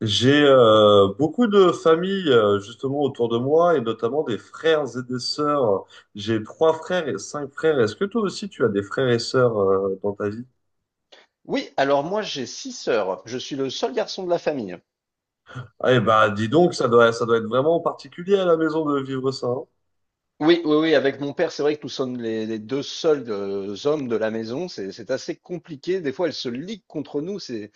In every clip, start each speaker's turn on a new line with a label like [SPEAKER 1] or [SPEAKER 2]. [SPEAKER 1] J'ai
[SPEAKER 2] Ou-
[SPEAKER 1] beaucoup de familles justement autour de moi et notamment des frères et des sœurs. J'ai trois frères et cinq frères. Est-ce que toi aussi tu as des frères et sœurs dans ta vie?
[SPEAKER 2] Oui, alors moi j'ai six sœurs. Je suis le seul garçon de la famille.
[SPEAKER 1] Ah, eh ben, dis donc, ça doit être vraiment particulier à la maison de vivre ça, hein.
[SPEAKER 2] Oui, oui, oui, avec mon père, c'est vrai que nous sommes les deux seuls hommes de la maison. C'est assez compliqué. Des fois, elles se liguent contre nous. C'est,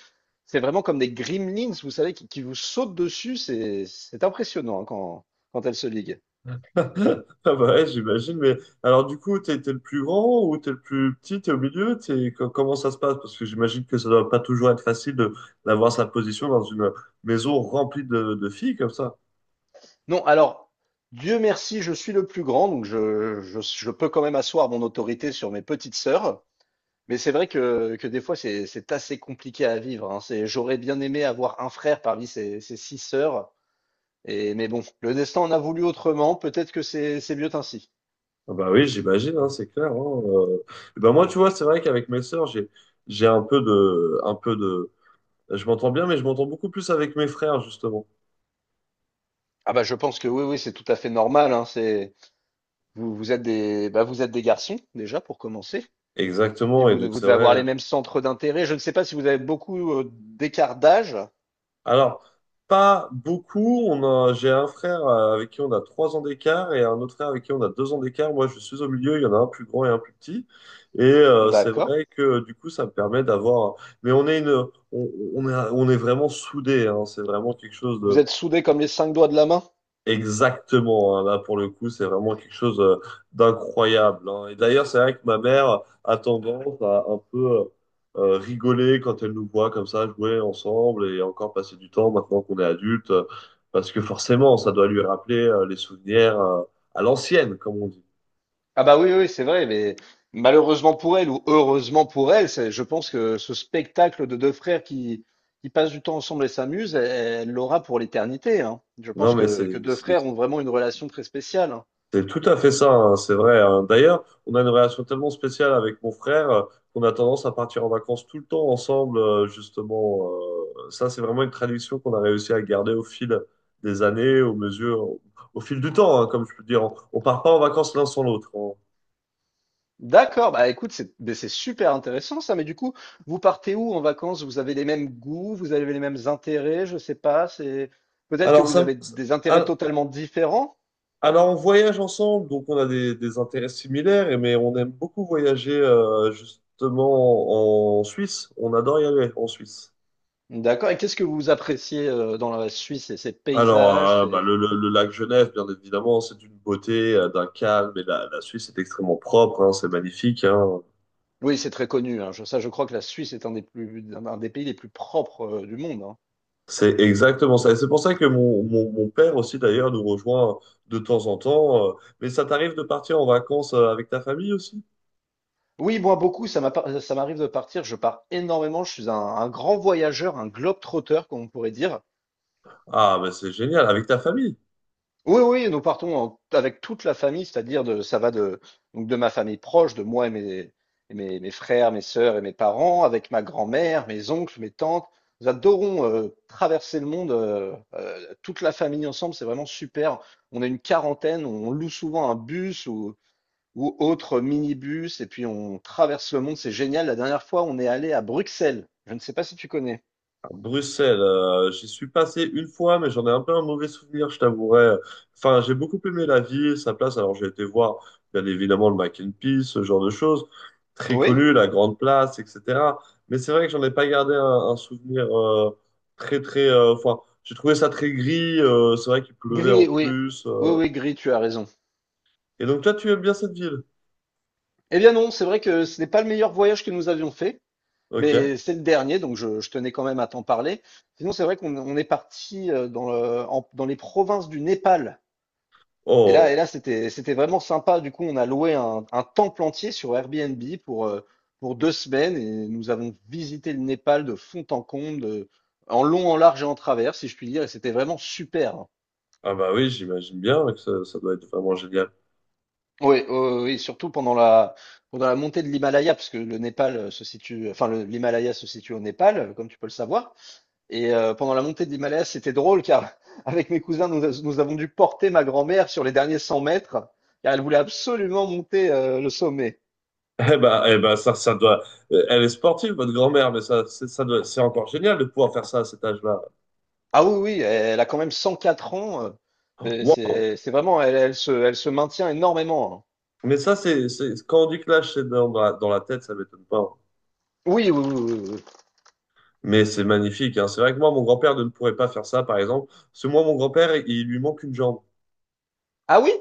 [SPEAKER 2] c'est vraiment comme des gremlins, vous savez, qui vous sautent dessus. C'est impressionnant, hein, quand elles se liguent.
[SPEAKER 1] Ah bah ouais, j'imagine. Mais alors du coup, t'es le plus grand ou t'es le plus petit? T'es au milieu? T'es, comment ça se passe? Parce que j'imagine que ça doit pas toujours être facile de, d'avoir sa position dans une maison remplie de filles comme ça.
[SPEAKER 2] Non, alors, Dieu merci, je suis le plus grand, donc je peux quand même asseoir mon autorité sur mes petites sœurs. Mais c'est vrai que des fois, c'est assez compliqué à vivre, hein. C'est, j'aurais bien aimé avoir un frère parmi ces six sœurs. Mais bon, le destin en a voulu autrement. Peut-être que c'est mieux ainsi.
[SPEAKER 1] Ah bah oui, j'imagine, hein, c'est clair, hein. euh. Et ben moi, tu vois, c'est vrai qu'avec mes sœurs, j'ai un peu de je m'entends bien, mais je m'entends beaucoup plus avec mes frères, justement.
[SPEAKER 2] Ah bah je pense que oui, oui, c'est tout à fait normal, hein. Vous êtes des, bah, vous êtes des garçons déjà pour commencer. Puis
[SPEAKER 1] Exactement, et donc
[SPEAKER 2] vous
[SPEAKER 1] c'est
[SPEAKER 2] devez avoir les
[SPEAKER 1] vrai.
[SPEAKER 2] mêmes centres d'intérêt. Je ne sais pas si vous avez beaucoup d'écart d'âge.
[SPEAKER 1] Alors, pas beaucoup. On a j'ai un frère avec qui on a 3 ans d'écart et un autre frère avec qui on a 2 ans d'écart. Moi, je suis au milieu. Il y en a un plus grand et un plus petit. Et c'est
[SPEAKER 2] D'accord.
[SPEAKER 1] vrai que du coup, ça me permet d'avoir. Mais on, on est vraiment soudés, hein. C'est vraiment quelque chose.
[SPEAKER 2] Vous êtes soudés comme les cinq doigts de la main.
[SPEAKER 1] Exactement, hein. Là pour le coup, c'est vraiment quelque chose d'incroyable, hein. Et d'ailleurs, c'est vrai que ma mère a tendance à un peu rigoler quand elle nous voit comme ça jouer ensemble et encore passer du temps maintenant qu'on est adulte, parce que forcément, ça doit lui rappeler les souvenirs à l'ancienne, comme on dit.
[SPEAKER 2] Ah bah oui, oui, c'est vrai, mais malheureusement pour elle, ou heureusement pour elle, je pense que ce spectacle de deux frères qui passent du temps ensemble et s'amusent, elle l'aura pour l'éternité, hein. Je
[SPEAKER 1] Non,
[SPEAKER 2] pense
[SPEAKER 1] mais
[SPEAKER 2] que deux frères ont vraiment une relation très spéciale, hein.
[SPEAKER 1] c'est tout à fait ça, hein, c'est vrai, hein. D'ailleurs, on a une relation tellement spéciale avec mon frère qu'on a tendance à partir en vacances tout le temps ensemble, justement. Ça, c'est vraiment une tradition qu'on a réussi à garder au fil des années, aux mesures, au, au fil du temps, hein, comme je peux dire. On part pas en vacances l'un sans l'autre.
[SPEAKER 2] D'accord, bah écoute, c'est mais c'est super intéressant ça, mais du coup, vous partez où en vacances? Vous avez les mêmes goûts, vous avez les mêmes intérêts, je sais pas, c'est peut-être que
[SPEAKER 1] Alors,
[SPEAKER 2] vous
[SPEAKER 1] ça, me-
[SPEAKER 2] avez
[SPEAKER 1] ça-
[SPEAKER 2] des intérêts
[SPEAKER 1] al-
[SPEAKER 2] totalement différents.
[SPEAKER 1] Alors, on voyage ensemble, donc on a des intérêts similaires, et mais on aime beaucoup voyager, justement, en Suisse. On adore y aller en Suisse.
[SPEAKER 2] D'accord, et qu'est-ce que vous appréciez dans la Suisse? C'est ses
[SPEAKER 1] Alors,
[SPEAKER 2] paysages,
[SPEAKER 1] bah,
[SPEAKER 2] c'est...
[SPEAKER 1] le lac Genève, bien évidemment, c'est d'une beauté, d'un calme, et la Suisse est extrêmement propre, hein, c'est magnifique, hein.
[SPEAKER 2] Oui, c'est très connu, hein. Ça, je crois que la Suisse est un des plus, un des pays les plus propres du monde, hein.
[SPEAKER 1] C'est exactement ça. Et c'est pour ça que mon père aussi, d'ailleurs, nous rejoint de temps en temps. Mais ça t'arrive de partir en vacances avec ta famille aussi?
[SPEAKER 2] Oui, moi, beaucoup, ça m'a pas- ça m'arrive de partir. Je pars énormément. Je suis un grand voyageur, un globe-trotter, comme on pourrait dire.
[SPEAKER 1] Ah, mais c'est génial, avec ta famille.
[SPEAKER 2] Oui, oui, nous partons avec toute la famille, c'est-à-dire de, ça va de, donc de ma famille proche, de moi et mes frères, mes sœurs et mes parents, avec ma grand-mère, mes oncles, mes tantes. Nous adorons traverser le monde, toute la famille ensemble, c'est vraiment super. On est une quarantaine, on loue souvent un bus ou autre minibus, et puis on traverse le monde, c'est génial. La dernière fois, on est allé à Bruxelles. Je ne sais pas si tu connais.
[SPEAKER 1] Bruxelles, j'y suis passé une fois, mais j'en ai un peu un mauvais souvenir, je t'avouerai. Enfin, j'ai beaucoup aimé la ville, sa place. Alors, j'ai été voir, bien évidemment, le Mac and Peace, ce genre de choses. Très
[SPEAKER 2] Oui?
[SPEAKER 1] connu, la Grande Place, etc. Mais c'est vrai que j'en ai pas gardé un souvenir très, très... Enfin, j'ai trouvé ça très gris. C'est vrai qu'il pleuvait en
[SPEAKER 2] Gris, oui.
[SPEAKER 1] plus.
[SPEAKER 2] Oui, oui, gris, tu as raison.
[SPEAKER 1] Et donc, toi, tu aimes bien cette ville?
[SPEAKER 2] Eh bien non, c'est vrai que ce n'est pas le meilleur voyage que nous avions fait,
[SPEAKER 1] Ok.
[SPEAKER 2] mais c'est le dernier, donc je tenais quand même à t'en parler. Sinon, c'est vrai qu'on est parti dans les provinces du Népal. Et là, et
[SPEAKER 1] Oh,
[SPEAKER 2] là, c'était vraiment sympa. Du coup, on a loué un temple entier sur Airbnb pour 2 semaines et nous avons visité le Népal de fond en comble, en long, en large et en travers, si je puis dire. Et c'était vraiment super, hein.
[SPEAKER 1] ah bah oui, j'imagine bien que ça doit être vraiment génial.
[SPEAKER 2] Oui, oui, oui, oui, surtout pendant la montée de l'Himalaya, parce que le Népal se situe, enfin, l'Himalaya se situe au Népal, comme tu peux le savoir. Et pendant la montée de l'Himalaya, c'était drôle car avec mes cousins, nous avons dû porter ma grand-mère sur les derniers 100 mètres car elle voulait absolument monter le sommet.
[SPEAKER 1] Eh ben, ça doit. Elle est sportive, votre grand-mère, mais ça, c'est, ça doit... c'est encore génial de pouvoir faire ça à cet âge-là.
[SPEAKER 2] Ah oui, oui, elle a quand même 104 ans. euh, C'est
[SPEAKER 1] Waouh!
[SPEAKER 2] c'est- c'est vraiment, elle se maintient énormément, hein.
[SPEAKER 1] Mais ça, c'est... quand on dit que l'âge, c'est dans, dans la tête, ça m'étonne pas, hein.
[SPEAKER 2] Oui, oui, oui, oui, oui.
[SPEAKER 1] Mais c'est magnifique, hein. C'est vrai que moi, mon grand-père ne pourrait pas faire ça, par exemple. Parce que moi, mon grand-père, il lui manque une jambe.
[SPEAKER 2] Ah oui,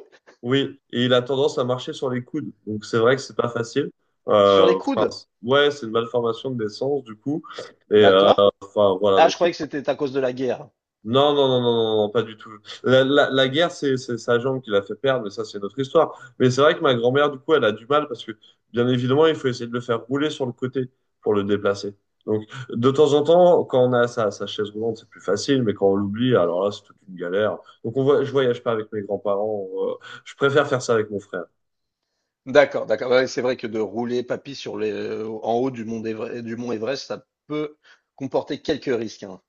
[SPEAKER 1] Oui, et il a tendance à marcher sur les coudes. Donc, c'est vrai que c'est pas facile.
[SPEAKER 2] sur les
[SPEAKER 1] Euh,
[SPEAKER 2] coudes.
[SPEAKER 1] Ouais, c'est une malformation de naissance, du coup. Et
[SPEAKER 2] D'accord.
[SPEAKER 1] enfin, voilà.
[SPEAKER 2] Ah, je
[SPEAKER 1] Donc,
[SPEAKER 2] croyais que c'était à cause de la guerre.
[SPEAKER 1] non, non, non, non, non, non, pas du tout. La guerre, c'est sa jambe qui l'a fait perdre, mais ça, c'est notre histoire. Mais c'est vrai que ma grand-mère, du coup, elle a du mal parce que, bien évidemment, il faut essayer de le faire rouler sur le côté pour le déplacer. Donc, de temps en temps, quand on a sa chaise roulante, c'est plus facile, mais quand on l'oublie, alors là, c'est toute une galère. Donc, on voit, je voyage pas avec mes grands-parents. Je préfère faire ça avec mon frère.
[SPEAKER 2] D'accord, d'accord. Ouais, c'est vrai que de rouler papy en haut du mont Everest, ça peut comporter quelques risques, hein.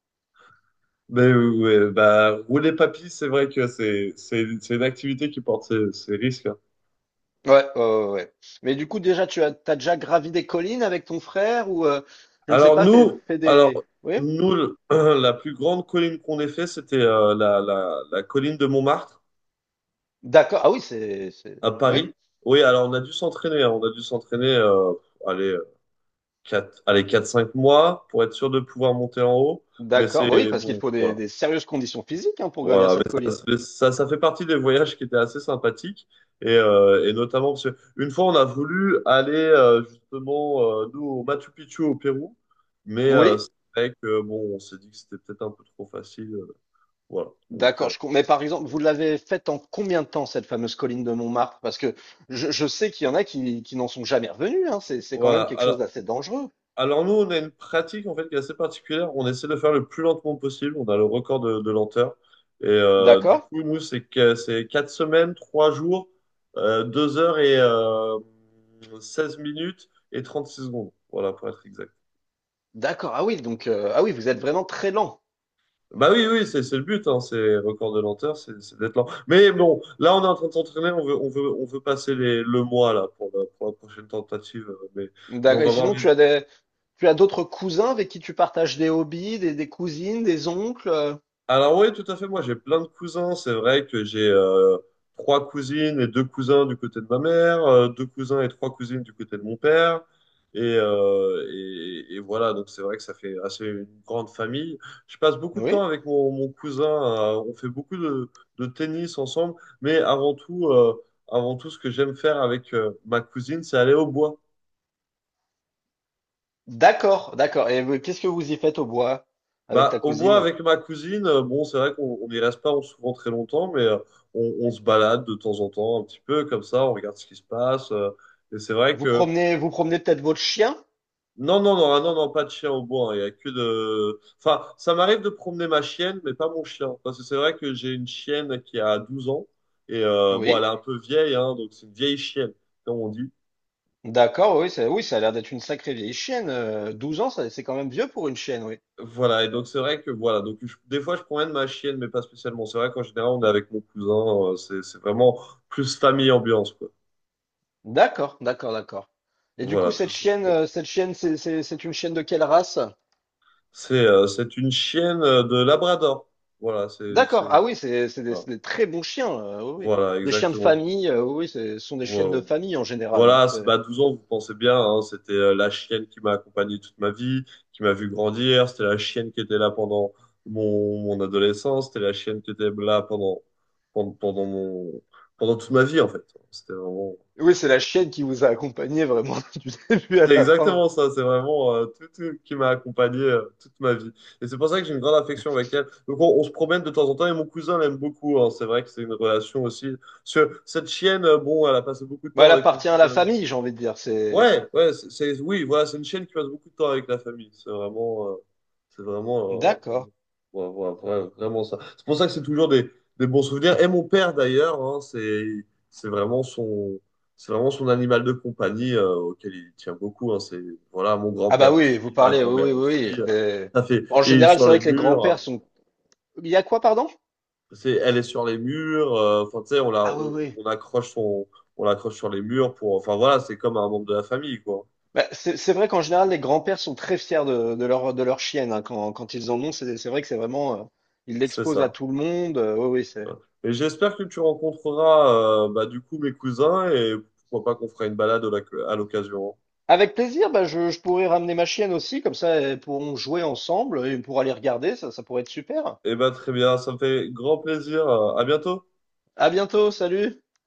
[SPEAKER 1] Mais ouais, bah, rouler papy, c'est vrai que c'est une activité qui porte ses, ses risques, hein.
[SPEAKER 2] Ouais, ouais, ouais, ouais. Mais du coup, déjà, t'as déjà gravi des collines avec ton frère ou, je ne sais
[SPEAKER 1] Alors
[SPEAKER 2] pas, fait,
[SPEAKER 1] nous,
[SPEAKER 2] fait
[SPEAKER 1] alors
[SPEAKER 2] des. Oui?
[SPEAKER 1] nous, la plus grande colline qu'on ait fait, c'était la colline de Montmartre
[SPEAKER 2] D'accord. Ah oui, c'est.
[SPEAKER 1] à
[SPEAKER 2] Oui.
[SPEAKER 1] Paris. Oui, alors on a dû s'entraîner, hein, on a dû s'entraîner, allez, euh, allez, quatre cinq mois pour être sûr de pouvoir monter en haut. Mais
[SPEAKER 2] D'accord, bah oui,
[SPEAKER 1] c'est
[SPEAKER 2] parce qu'il
[SPEAKER 1] bon,
[SPEAKER 2] faut des,
[SPEAKER 1] voilà.
[SPEAKER 2] des sérieuses conditions physiques, hein, pour gravir
[SPEAKER 1] Voilà,
[SPEAKER 2] cette colline.
[SPEAKER 1] mais ça, ça fait partie des voyages qui étaient assez sympathiques. Et notamment, parce que une fois, on a voulu aller justement, nous, au Machu Picchu au Pérou. Mais
[SPEAKER 2] Oui,
[SPEAKER 1] c'est vrai que, bon, on s'est dit que c'était peut-être un peu trop facile. Voilà. Donc,
[SPEAKER 2] d'accord. Mais par exemple, vous l'avez faite en combien de temps, cette fameuse colline de Montmartre? Parce que je sais qu'il y en a qui n'en sont jamais revenus, hein. C'est quand
[SPEAKER 1] voilà.
[SPEAKER 2] même quelque chose
[SPEAKER 1] Alors,
[SPEAKER 2] d'assez dangereux.
[SPEAKER 1] Alors nous, on a une pratique en fait qui est assez particulière. On essaie de faire le plus lentement possible. On a le record de lenteur. Et du
[SPEAKER 2] D'accord?
[SPEAKER 1] coup, nous, c'est 4 semaines, 3 jours, 2 heures et 16 minutes et 36 secondes. Voilà, pour être exact.
[SPEAKER 2] D'accord. Ah oui, donc ah oui, vous êtes vraiment très lent.
[SPEAKER 1] Bah oui, oui, c'est le but, hein, c'est record de lenteur, c'est d'être lent. Mais bon, là, on est en train de s'entraîner, on veut passer les, le mois là pour la prochaine tentative. Mais on
[SPEAKER 2] D'accord. Et
[SPEAKER 1] va voir.
[SPEAKER 2] sinon, tu as tu as d'autres cousins avec qui tu partages des hobbies, des cousines, des oncles?
[SPEAKER 1] Alors oui, tout à fait. Moi, j'ai plein de cousins. C'est vrai que j'ai 3 cousines et 2 cousins du côté de ma mère, 2 cousins et 3 cousines du côté de mon père. Et, et voilà, donc c'est vrai que ça fait assez une grande famille. Je passe beaucoup de temps
[SPEAKER 2] Oui.
[SPEAKER 1] avec mon cousin. On fait beaucoup de tennis ensemble. Mais avant tout, ce que j'aime faire avec ma cousine, c'est aller au bois.
[SPEAKER 2] D'accord, d'accord. Et qu'est-ce que vous y faites au bois avec ta
[SPEAKER 1] Bah, au bois
[SPEAKER 2] cousine?
[SPEAKER 1] avec ma cousine, bon, c'est vrai qu'on on n'y reste pas souvent très longtemps, mais on se balade de temps en temps un petit peu comme ça, on regarde ce qui se passe. Et c'est vrai
[SPEAKER 2] Vous
[SPEAKER 1] que
[SPEAKER 2] promenez, vous promenez peut-être votre chien?
[SPEAKER 1] non, non, non, ah, non, non, pas de chien au bois, hein. Il y a que de. Enfin, ça m'arrive de promener ma chienne, mais pas mon chien, parce que c'est vrai que j'ai une chienne qui a 12 ans et bon, elle est
[SPEAKER 2] Oui.
[SPEAKER 1] un peu vieille, hein, donc c'est une vieille chienne, comme on dit.
[SPEAKER 2] D'accord, oui, ça a l'air d'être une sacrée vieille chienne. 12 ans, c'est quand même vieux pour une chienne, oui.
[SPEAKER 1] Voilà, et donc c'est vrai que voilà, donc des fois je promène ma chienne, mais pas spécialement. C'est vrai qu'en général on est avec mon cousin, c'est vraiment plus famille ambiance, quoi.
[SPEAKER 2] D'accord, d'accord, d'accord. Et du coup,
[SPEAKER 1] Voilà, tout
[SPEAKER 2] cette
[SPEAKER 1] ça.
[SPEAKER 2] chienne,
[SPEAKER 1] Bon.
[SPEAKER 2] euh, cette chienne, c'est une chienne de quelle race?
[SPEAKER 1] C'est une chienne de Labrador. Voilà, c'est
[SPEAKER 2] D'accord, ah oui, c'est, c'est des,
[SPEAKER 1] voilà.
[SPEAKER 2] c'est des très bons chiens, oui, oui.
[SPEAKER 1] Voilà,
[SPEAKER 2] Des chiens de
[SPEAKER 1] exactement.
[SPEAKER 2] famille, oui, ce sont des chiennes de
[SPEAKER 1] Voilà.
[SPEAKER 2] famille en général, hein.
[SPEAKER 1] Voilà, bah 12 ans, vous pensez bien, hein, c'était la chienne qui m'a accompagné toute ma vie, qui m'a vu grandir, c'était la chienne qui était là pendant mon adolescence, c'était la chienne qui était là pendant, pendant, pendant mon, pendant toute ma vie, en fait. C'était vraiment,
[SPEAKER 2] Oui, c'est la chienne qui vous a accompagné vraiment du début à
[SPEAKER 1] c'est
[SPEAKER 2] la fin.
[SPEAKER 1] exactement ça, c'est vraiment tout qui m'a accompagné toute ma vie. Et c'est pour ça que j'ai une grande affection avec elle. Donc on se promène de temps en temps et mon cousin l'aime beaucoup, hein. C'est vrai que c'est une relation aussi. Parce que cette chienne, bon, elle a passé beaucoup de
[SPEAKER 2] Bah,
[SPEAKER 1] temps
[SPEAKER 2] elle
[SPEAKER 1] avec mon
[SPEAKER 2] appartient à la
[SPEAKER 1] cousin.
[SPEAKER 2] famille, j'ai envie de dire.
[SPEAKER 1] Ouais, ouais, oui, voilà, c'est une chaîne qui passe beaucoup de temps avec la famille. C'est vraiment,
[SPEAKER 2] D'accord.
[SPEAKER 1] vraiment, ouais, ouais, ouais, vraiment ça. C'est pour ça que c'est toujours des bons souvenirs. Et mon père d'ailleurs, hein, c'est vraiment son, c'est vraiment son animal de compagnie auquel il tient beaucoup, hein. c'est Voilà, mon
[SPEAKER 2] Ah bah
[SPEAKER 1] grand-père
[SPEAKER 2] oui,
[SPEAKER 1] aussi,
[SPEAKER 2] vous
[SPEAKER 1] ma
[SPEAKER 2] parlez,
[SPEAKER 1] grand-mère
[SPEAKER 2] oui, oui,
[SPEAKER 1] aussi.
[SPEAKER 2] oui, oui.
[SPEAKER 1] Ça fait,
[SPEAKER 2] En
[SPEAKER 1] et il est
[SPEAKER 2] général,
[SPEAKER 1] sur
[SPEAKER 2] c'est vrai
[SPEAKER 1] les
[SPEAKER 2] que les grands-pères
[SPEAKER 1] murs.
[SPEAKER 2] sont. Il y a quoi, pardon?
[SPEAKER 1] C'est, elle est sur les murs. Enfin, tu sais,
[SPEAKER 2] Ah oui, oui.
[SPEAKER 1] on accroche on l'accroche sur les murs pour. Enfin voilà, c'est comme un membre de la famille, quoi.
[SPEAKER 2] Bah, c'est vrai qu'en général, les grands-pères sont très fiers de leur chienne, hein, quand ils en ont, c'est vrai que c'est vraiment. Ils
[SPEAKER 1] C'est
[SPEAKER 2] l'exposent à
[SPEAKER 1] ça.
[SPEAKER 2] tout le monde. Oui, oui,
[SPEAKER 1] Et j'espère que tu rencontreras bah, du coup mes cousins et pourquoi pas qu'on fera une balade à l'occasion.
[SPEAKER 2] Avec plaisir, bah, je pourrais ramener ma chienne aussi, comme ça, elles pourront jouer ensemble et on pourra les regarder, ça pourrait être super.
[SPEAKER 1] Eh ben très bien, ça me fait grand plaisir. À bientôt.
[SPEAKER 2] À bientôt, salut!